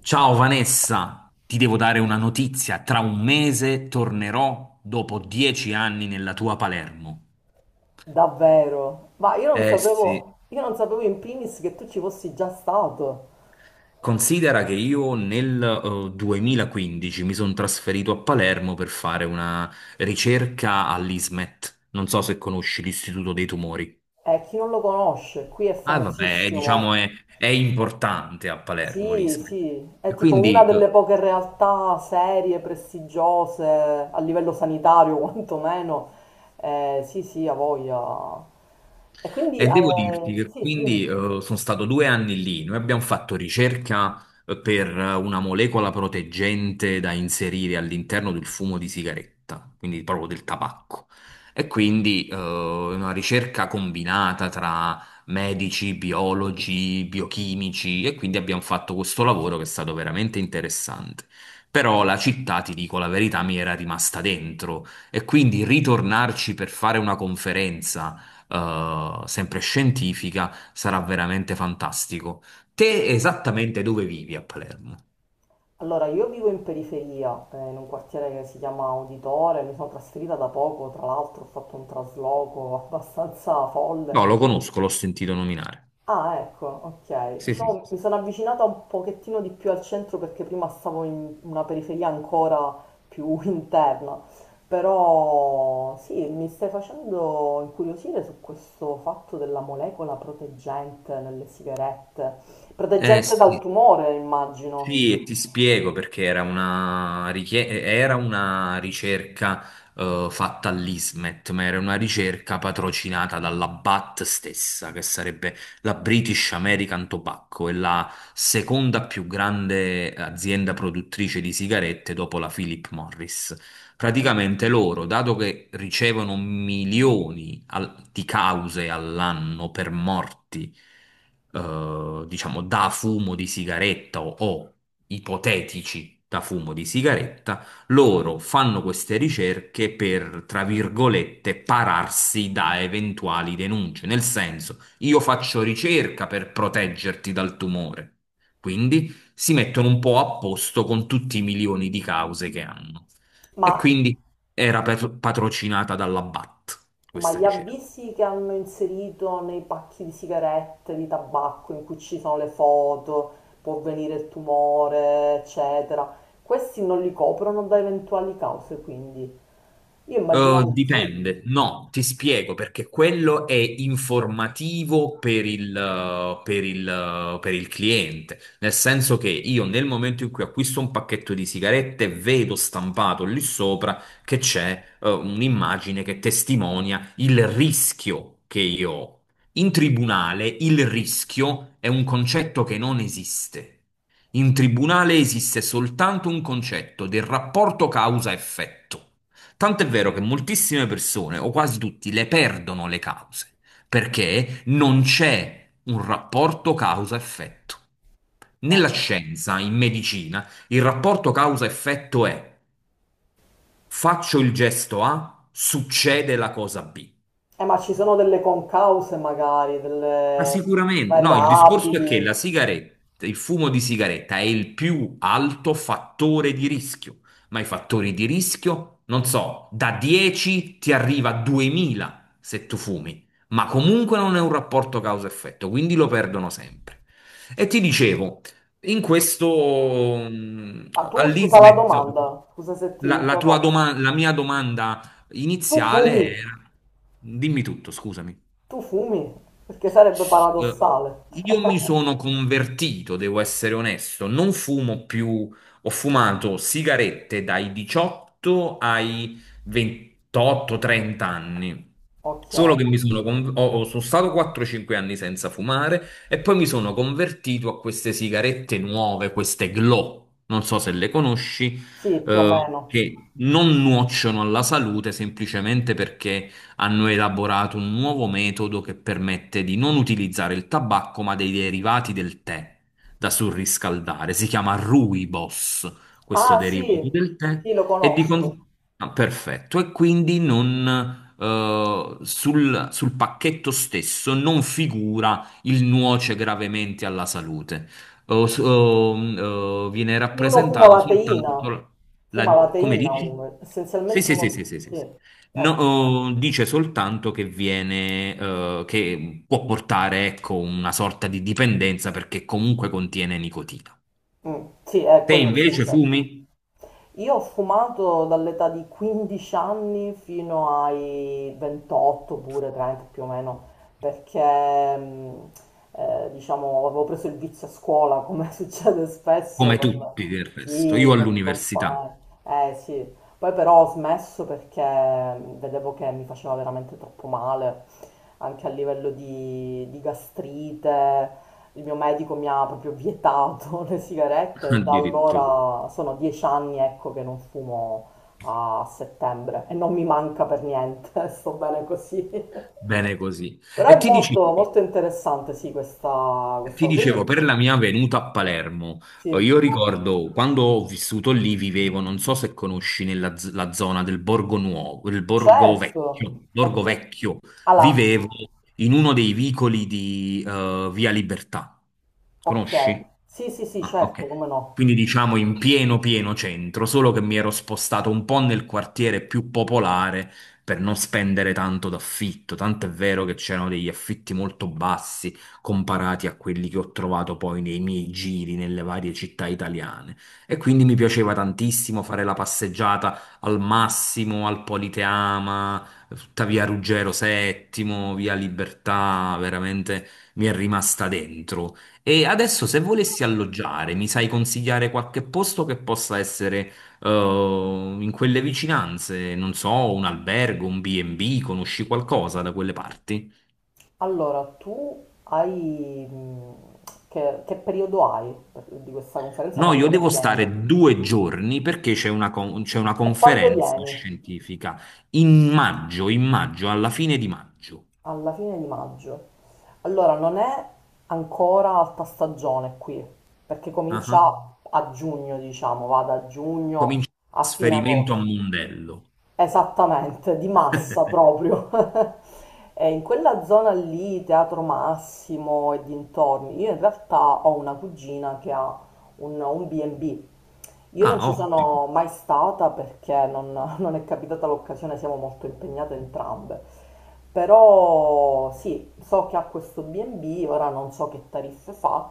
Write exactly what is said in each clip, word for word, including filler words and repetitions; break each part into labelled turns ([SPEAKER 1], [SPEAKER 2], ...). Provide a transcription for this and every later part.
[SPEAKER 1] Ciao Vanessa, ti devo dare una notizia. Tra un mese tornerò dopo dieci anni nella tua Palermo.
[SPEAKER 2] Davvero? Ma io non
[SPEAKER 1] Eh sì.
[SPEAKER 2] sapevo, io non sapevo in primis che tu ci fossi già stato.
[SPEAKER 1] Considera che io nel eh, duemilaquindici mi sono trasferito a Palermo per fare una ricerca all'I S M E T. Non so se conosci l'Istituto dei Tumori.
[SPEAKER 2] E chi non lo conosce, qui è
[SPEAKER 1] Ah, vabbè, diciamo
[SPEAKER 2] famosissimo.
[SPEAKER 1] è, è importante a Palermo
[SPEAKER 2] Sì, sì,
[SPEAKER 1] l'I S M E T.
[SPEAKER 2] è
[SPEAKER 1] E
[SPEAKER 2] tipo una
[SPEAKER 1] quindi
[SPEAKER 2] delle
[SPEAKER 1] eh,
[SPEAKER 2] poche realtà serie, prestigiose, a livello sanitario quantomeno. Eh, sì, sì, ha voglia. E quindi,
[SPEAKER 1] e devo dirti
[SPEAKER 2] eh,
[SPEAKER 1] che
[SPEAKER 2] sì,
[SPEAKER 1] quindi
[SPEAKER 2] dimmi.
[SPEAKER 1] eh, sono stato due anni lì, noi abbiamo fatto ricerca eh, per eh, una molecola proteggente da inserire all'interno del fumo di sigaretta, quindi proprio del tabacco. E quindi eh, una ricerca combinata tra medici, biologi, biochimici, e quindi abbiamo fatto questo lavoro che è stato veramente interessante. Però la città, ti dico la verità, mi era rimasta dentro, e quindi ritornarci per fare una conferenza eh, sempre scientifica, sarà veramente fantastico. Te esattamente dove vivi a Palermo?
[SPEAKER 2] Allora, io vivo in periferia, eh, in un quartiere che si chiama Uditore, mi sono trasferita da poco, tra l'altro ho fatto un trasloco abbastanza
[SPEAKER 1] No,
[SPEAKER 2] folle.
[SPEAKER 1] lo conosco, l'ho sentito nominare.
[SPEAKER 2] Ah, ecco, ok.
[SPEAKER 1] Sì, sì, sì,
[SPEAKER 2] Diciamo
[SPEAKER 1] sì.
[SPEAKER 2] mi sono avvicinata un pochettino di più al centro perché prima stavo in una periferia ancora più interna. Però sì, mi stai facendo incuriosire su questo fatto della molecola proteggente nelle sigarette.
[SPEAKER 1] Eh
[SPEAKER 2] Proteggente dal
[SPEAKER 1] sì,
[SPEAKER 2] tumore, immagino.
[SPEAKER 1] sì, e ti spiego perché era una, richie- era una ricerca eh, fatta all'I S M E T, ma era una ricerca patrocinata dalla B A T stessa, che sarebbe la British American Tobacco, è la seconda più grande azienda produttrice di sigarette dopo la Philip Morris. Praticamente loro, dato che ricevono milioni al- di cause all'anno per morti, eh, diciamo da fumo di sigaretta o, o ipotetici da fumo di sigaretta, loro fanno queste ricerche per, tra virgolette, pararsi da eventuali denunce. Nel senso, io faccio ricerca per proteggerti dal tumore. Quindi si mettono un po' a posto con tutti i milioni di cause che hanno.
[SPEAKER 2] Ma
[SPEAKER 1] E quindi era per- patrocinata dalla B A T,
[SPEAKER 2] Ma
[SPEAKER 1] questa
[SPEAKER 2] gli
[SPEAKER 1] ricerca.
[SPEAKER 2] avvisi che hanno inserito nei pacchi di sigarette, di tabacco, in cui ci sono le foto, può venire il tumore, eccetera, questi non li coprono da eventuali cause, quindi io
[SPEAKER 1] Eh,
[SPEAKER 2] immaginavo di sì.
[SPEAKER 1] dipende, no, ti spiego perché quello è informativo per il, eh, per il, eh, per il cliente, nel senso che io nel momento in cui acquisto un pacchetto di sigarette vedo stampato lì sopra che c'è eh, un'immagine che testimonia il rischio che io ho. In tribunale il rischio è un concetto che non esiste. In tribunale esiste soltanto un concetto del rapporto causa-effetto. Tanto è vero che moltissime persone, o quasi tutti, le perdono le cause, perché non c'è un rapporto causa-effetto. Nella
[SPEAKER 2] Oh.
[SPEAKER 1] scienza, in medicina, il rapporto causa-effetto è faccio il gesto A, succede la cosa B.
[SPEAKER 2] Eh, ma ci sono delle concause magari,
[SPEAKER 1] Ma
[SPEAKER 2] delle
[SPEAKER 1] sicuramente, no, il discorso è che
[SPEAKER 2] variabili.
[SPEAKER 1] la sigaretta, il fumo di sigaretta è il più alto fattore di rischio, ma i fattori di rischio, non so, da dieci ti arriva a duemila se tu fumi, ma comunque non è un rapporto causa-effetto, quindi lo perdono sempre. E ti dicevo, in questo mm,
[SPEAKER 2] Ah, tu scusa la
[SPEAKER 1] all'I S M E T,
[SPEAKER 2] domanda, scusa se ti
[SPEAKER 1] la, la tua
[SPEAKER 2] interrompo.
[SPEAKER 1] doma- la mia domanda
[SPEAKER 2] Tu
[SPEAKER 1] iniziale
[SPEAKER 2] fumi,
[SPEAKER 1] era, dimmi tutto, scusami.
[SPEAKER 2] tu fumi, perché sarebbe
[SPEAKER 1] Eh,
[SPEAKER 2] paradossale.
[SPEAKER 1] Io mi sono convertito, devo essere onesto, non fumo più, ho fumato sigarette dai diciotto ai ventotto trenta anni.
[SPEAKER 2] Ok,
[SPEAKER 1] Solo che mi sono, con- ho- ho- sono stato quattro o cinque anni senza fumare, e poi mi sono convertito a queste sigarette nuove, queste Glow, non so se le conosci,
[SPEAKER 2] sì, più o
[SPEAKER 1] eh,
[SPEAKER 2] meno.
[SPEAKER 1] che non nuociono alla salute semplicemente perché hanno elaborato un nuovo metodo che permette di non utilizzare il tabacco, ma dei derivati del tè da surriscaldare. Si chiama rooibos, questo
[SPEAKER 2] Ah
[SPEAKER 1] derivato
[SPEAKER 2] sì,
[SPEAKER 1] del tè,
[SPEAKER 2] sì, lo
[SPEAKER 1] e di
[SPEAKER 2] conosco.
[SPEAKER 1] con- ah, perfetto, e quindi non. Eh, sul, sul pacchetto stesso non figura il nuoce gravemente alla salute. O- s- o, mm, eh, viene
[SPEAKER 2] Quindi uno fuma
[SPEAKER 1] rappresentato
[SPEAKER 2] la teina,
[SPEAKER 1] soltanto
[SPEAKER 2] fuma la
[SPEAKER 1] la, come
[SPEAKER 2] teina
[SPEAKER 1] dici?
[SPEAKER 2] uno,
[SPEAKER 1] Sì,
[SPEAKER 2] essenzialmente
[SPEAKER 1] sì, sì,
[SPEAKER 2] uno,
[SPEAKER 1] sì, sì, sì,
[SPEAKER 2] sì,
[SPEAKER 1] sì. No,
[SPEAKER 2] ecco,
[SPEAKER 1] oh, dice soltanto che viene, eh, che può portare, ecco, una sorta di dipendenza perché comunque contiene nicotina.
[SPEAKER 2] mm, sì, è
[SPEAKER 1] Te
[SPEAKER 2] quello sì,
[SPEAKER 1] invece
[SPEAKER 2] cioè.
[SPEAKER 1] fumi
[SPEAKER 2] Io ho fumato dall'età di quindici anni fino ai ventotto pure, trenta più o meno, perché mh, eh, diciamo avevo preso il vizio a scuola, come succede spesso
[SPEAKER 1] come
[SPEAKER 2] con,
[SPEAKER 1] tutti del resto, io
[SPEAKER 2] sì, con i
[SPEAKER 1] all'università
[SPEAKER 2] compagni. Eh sì, poi però ho smesso perché mh, vedevo che mi faceva veramente troppo male, anche a livello di, di gastrite, il mio medico mi ha proprio vietato le sigarette, da
[SPEAKER 1] addirittura.
[SPEAKER 2] allora sono dieci anni, ecco, che non fumo a settembre e non mi manca per niente, sto bene così.
[SPEAKER 1] Bene così.
[SPEAKER 2] Però
[SPEAKER 1] E
[SPEAKER 2] è
[SPEAKER 1] ti dicevo,
[SPEAKER 2] molto, molto interessante, sì, questa,
[SPEAKER 1] ti
[SPEAKER 2] questa... Quindi,
[SPEAKER 1] dicevo, per la mia venuta a Palermo,
[SPEAKER 2] sì,
[SPEAKER 1] eh, io ricordo quando ho vissuto lì, vivevo, non so se conosci nella z- la zona del Borgo Nuovo, il Borgo
[SPEAKER 2] certo.
[SPEAKER 1] Vecchio,
[SPEAKER 2] E
[SPEAKER 1] Borgo
[SPEAKER 2] qui.
[SPEAKER 1] Vecchio,
[SPEAKER 2] Allora,
[SPEAKER 1] vivevo in uno dei vicoli di eh, Via Libertà.
[SPEAKER 2] ok.
[SPEAKER 1] Conosci?
[SPEAKER 2] Sì, sì, sì,
[SPEAKER 1] Ah,
[SPEAKER 2] certo,
[SPEAKER 1] ok.
[SPEAKER 2] come no.
[SPEAKER 1] Quindi diciamo in pieno pieno centro, solo che mi ero spostato un po' nel quartiere più popolare per non spendere tanto d'affitto, tanto è vero che c'erano degli affitti molto bassi comparati a quelli che ho trovato poi nei miei giri nelle varie città italiane. E quindi mi piaceva tantissimo fare la passeggiata al Massimo, al Politeama, tutta via Ruggero settimo, via Libertà, veramente mi è rimasta dentro. E adesso se volessi alloggiare, mi sai consigliare qualche posto che possa essere eh, in quelle vicinanze? Non so, un albergo, un bi e bi, conosci qualcosa da quelle parti?
[SPEAKER 2] Allora, tu hai... mh, Che, che periodo hai per- di questa conferenza?
[SPEAKER 1] No, io
[SPEAKER 2] Quando
[SPEAKER 1] devo
[SPEAKER 2] vieni?
[SPEAKER 1] stare due giorni perché c'è una, con- c'è una
[SPEAKER 2] E quando
[SPEAKER 1] conferenza
[SPEAKER 2] vieni?
[SPEAKER 1] scientifica in maggio, in maggio, alla fine di maggio.
[SPEAKER 2] Alla fine di maggio. Allora, non è ancora alta stagione qui, perché
[SPEAKER 1] Ah,
[SPEAKER 2] comincia a giugno, diciamo, va da giugno
[SPEAKER 1] comincia il
[SPEAKER 2] a fine
[SPEAKER 1] trasferimento a
[SPEAKER 2] agosto.
[SPEAKER 1] Mondello.
[SPEAKER 2] Esattamente, di massa proprio. E in quella zona lì, Teatro Massimo e dintorni, io in realtà ho una cugina che ha un, un B e B. Io non
[SPEAKER 1] Ah,
[SPEAKER 2] ci
[SPEAKER 1] ottimo,
[SPEAKER 2] sono mai stata perché non, non è capitata l'occasione, siamo molto impegnate entrambe. Però sì, so che ha questo B e B, ora non so che tariffe fa,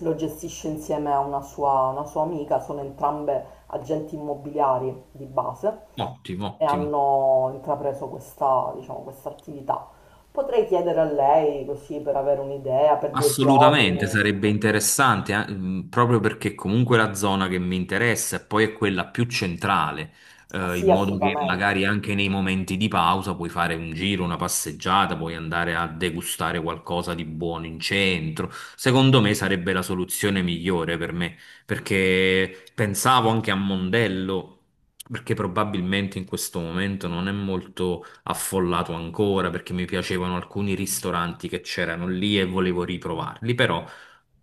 [SPEAKER 2] lo gestisce insieme a una sua, una sua amica, sono entrambe agenti immobiliari di base
[SPEAKER 1] ottimo,
[SPEAKER 2] e
[SPEAKER 1] ottimo.
[SPEAKER 2] hanno intrapreso questa, diciamo, questa attività. Potrei chiedere a lei così per avere un'idea per due
[SPEAKER 1] Assolutamente,
[SPEAKER 2] giorni.
[SPEAKER 1] sarebbe interessante, eh, mh, proprio perché comunque è la zona che mi interessa e poi è quella più centrale,
[SPEAKER 2] Ah,
[SPEAKER 1] eh, in
[SPEAKER 2] sì,
[SPEAKER 1] modo che
[SPEAKER 2] assolutamente.
[SPEAKER 1] magari anche nei momenti di pausa puoi fare un giro, una passeggiata, puoi andare a degustare qualcosa di buono in centro. Secondo me sarebbe la soluzione migliore per me, perché pensavo anche a Mondello, perché probabilmente in questo momento non è molto affollato ancora, perché mi piacevano alcuni ristoranti che c'erano lì e volevo riprovarli, però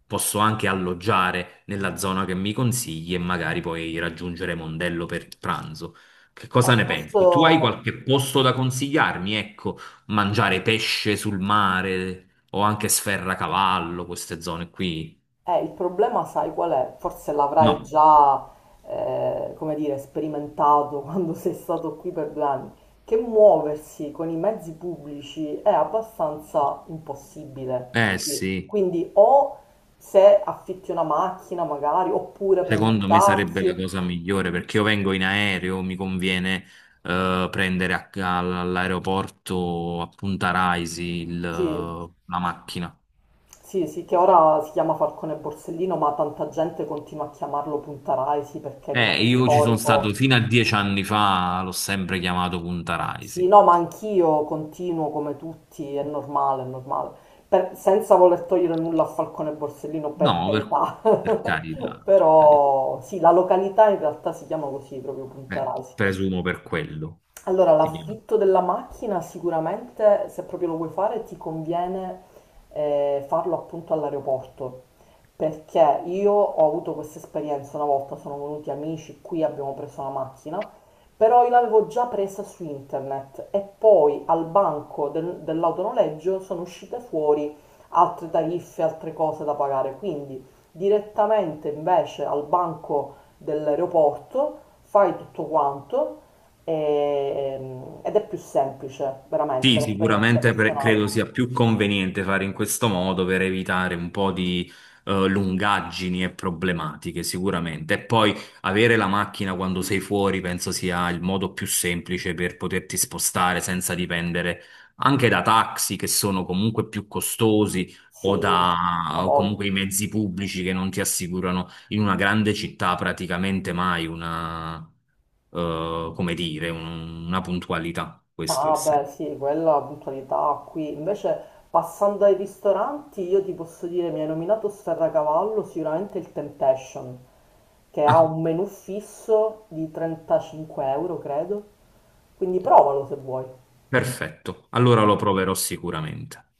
[SPEAKER 1] posso anche alloggiare nella zona che mi consigli e magari poi raggiungere Mondello per il pranzo. Che
[SPEAKER 2] Eh,
[SPEAKER 1] cosa ne pensi? Tu hai
[SPEAKER 2] questo
[SPEAKER 1] qualche posto da consigliarmi? Ecco, mangiare pesce sul mare o anche Sferracavallo, queste zone qui?
[SPEAKER 2] è il problema, sai qual è? Forse l'avrai
[SPEAKER 1] No.
[SPEAKER 2] già, eh, come dire, sperimentato quando sei stato qui per due anni, che muoversi con i mezzi pubblici è abbastanza impossibile
[SPEAKER 1] Eh
[SPEAKER 2] qui.
[SPEAKER 1] sì.
[SPEAKER 2] Quindi o se affitti una macchina magari, oppure prendi un
[SPEAKER 1] Secondo me sarebbe la
[SPEAKER 2] taxi.
[SPEAKER 1] cosa migliore perché io vengo in aereo, mi conviene eh, prendere a- all- all'aeroporto a Punta Raisi il-
[SPEAKER 2] Sì,
[SPEAKER 1] la macchina.
[SPEAKER 2] sì, sì, che ora si chiama Falcone Borsellino, ma tanta gente continua a chiamarlo Punta Raisi perché è il nome
[SPEAKER 1] Eh, io ci sono stato
[SPEAKER 2] storico.
[SPEAKER 1] fino a dieci anni fa, l'ho sempre chiamato Punta
[SPEAKER 2] Sì,
[SPEAKER 1] Raisi.
[SPEAKER 2] no, ma anch'io continuo come tutti, è normale, è normale. Per- senza voler togliere nulla a Falcone Borsellino,
[SPEAKER 1] No,
[SPEAKER 2] per
[SPEAKER 1] per,
[SPEAKER 2] carità.
[SPEAKER 1] per carità, per carità.
[SPEAKER 2] Però sì, la località in realtà si chiama così, proprio Punta
[SPEAKER 1] Eh,
[SPEAKER 2] Raisi.
[SPEAKER 1] presumo per quello
[SPEAKER 2] Allora,
[SPEAKER 1] si chiama.
[SPEAKER 2] l'affitto della macchina sicuramente, se proprio lo vuoi fare, ti conviene eh, farlo appunto all'aeroporto, perché io ho avuto questa esperienza una volta, sono venuti amici, qui abbiamo preso una macchina, però io l'avevo già presa su internet e poi al banco del- dell'autonoleggio sono uscite fuori altre tariffe, altre cose da pagare, quindi direttamente invece al banco dell'aeroporto, fai tutto quanto e- ehm, ed è più semplice, veramente,
[SPEAKER 1] Sì,
[SPEAKER 2] per esperienza
[SPEAKER 1] sicuramente pre-
[SPEAKER 2] personale.
[SPEAKER 1] credo sia più conveniente fare in questo modo per evitare un po' di eh, lungaggini e problematiche, sicuramente. E poi avere la macchina quando sei fuori penso sia il modo più semplice per poterti spostare senza dipendere anche da taxi che sono comunque più costosi o
[SPEAKER 2] Sì, da
[SPEAKER 1] da o
[SPEAKER 2] voi.
[SPEAKER 1] comunque i mezzi pubblici che non ti assicurano in una grande città praticamente mai una, eh, come dire, un- una puntualità. Questo è il
[SPEAKER 2] Ah, beh,
[SPEAKER 1] senso.
[SPEAKER 2] sì, quella puntualità qui. Invece, passando ai ristoranti, io ti posso dire, mi hai nominato Sferracavallo, sicuramente il Temptation, che ha
[SPEAKER 1] Ah,
[SPEAKER 2] un menù fisso di trentacinque euro, credo. Quindi provalo se vuoi.
[SPEAKER 1] perfetto. Allora lo proverò sicuramente.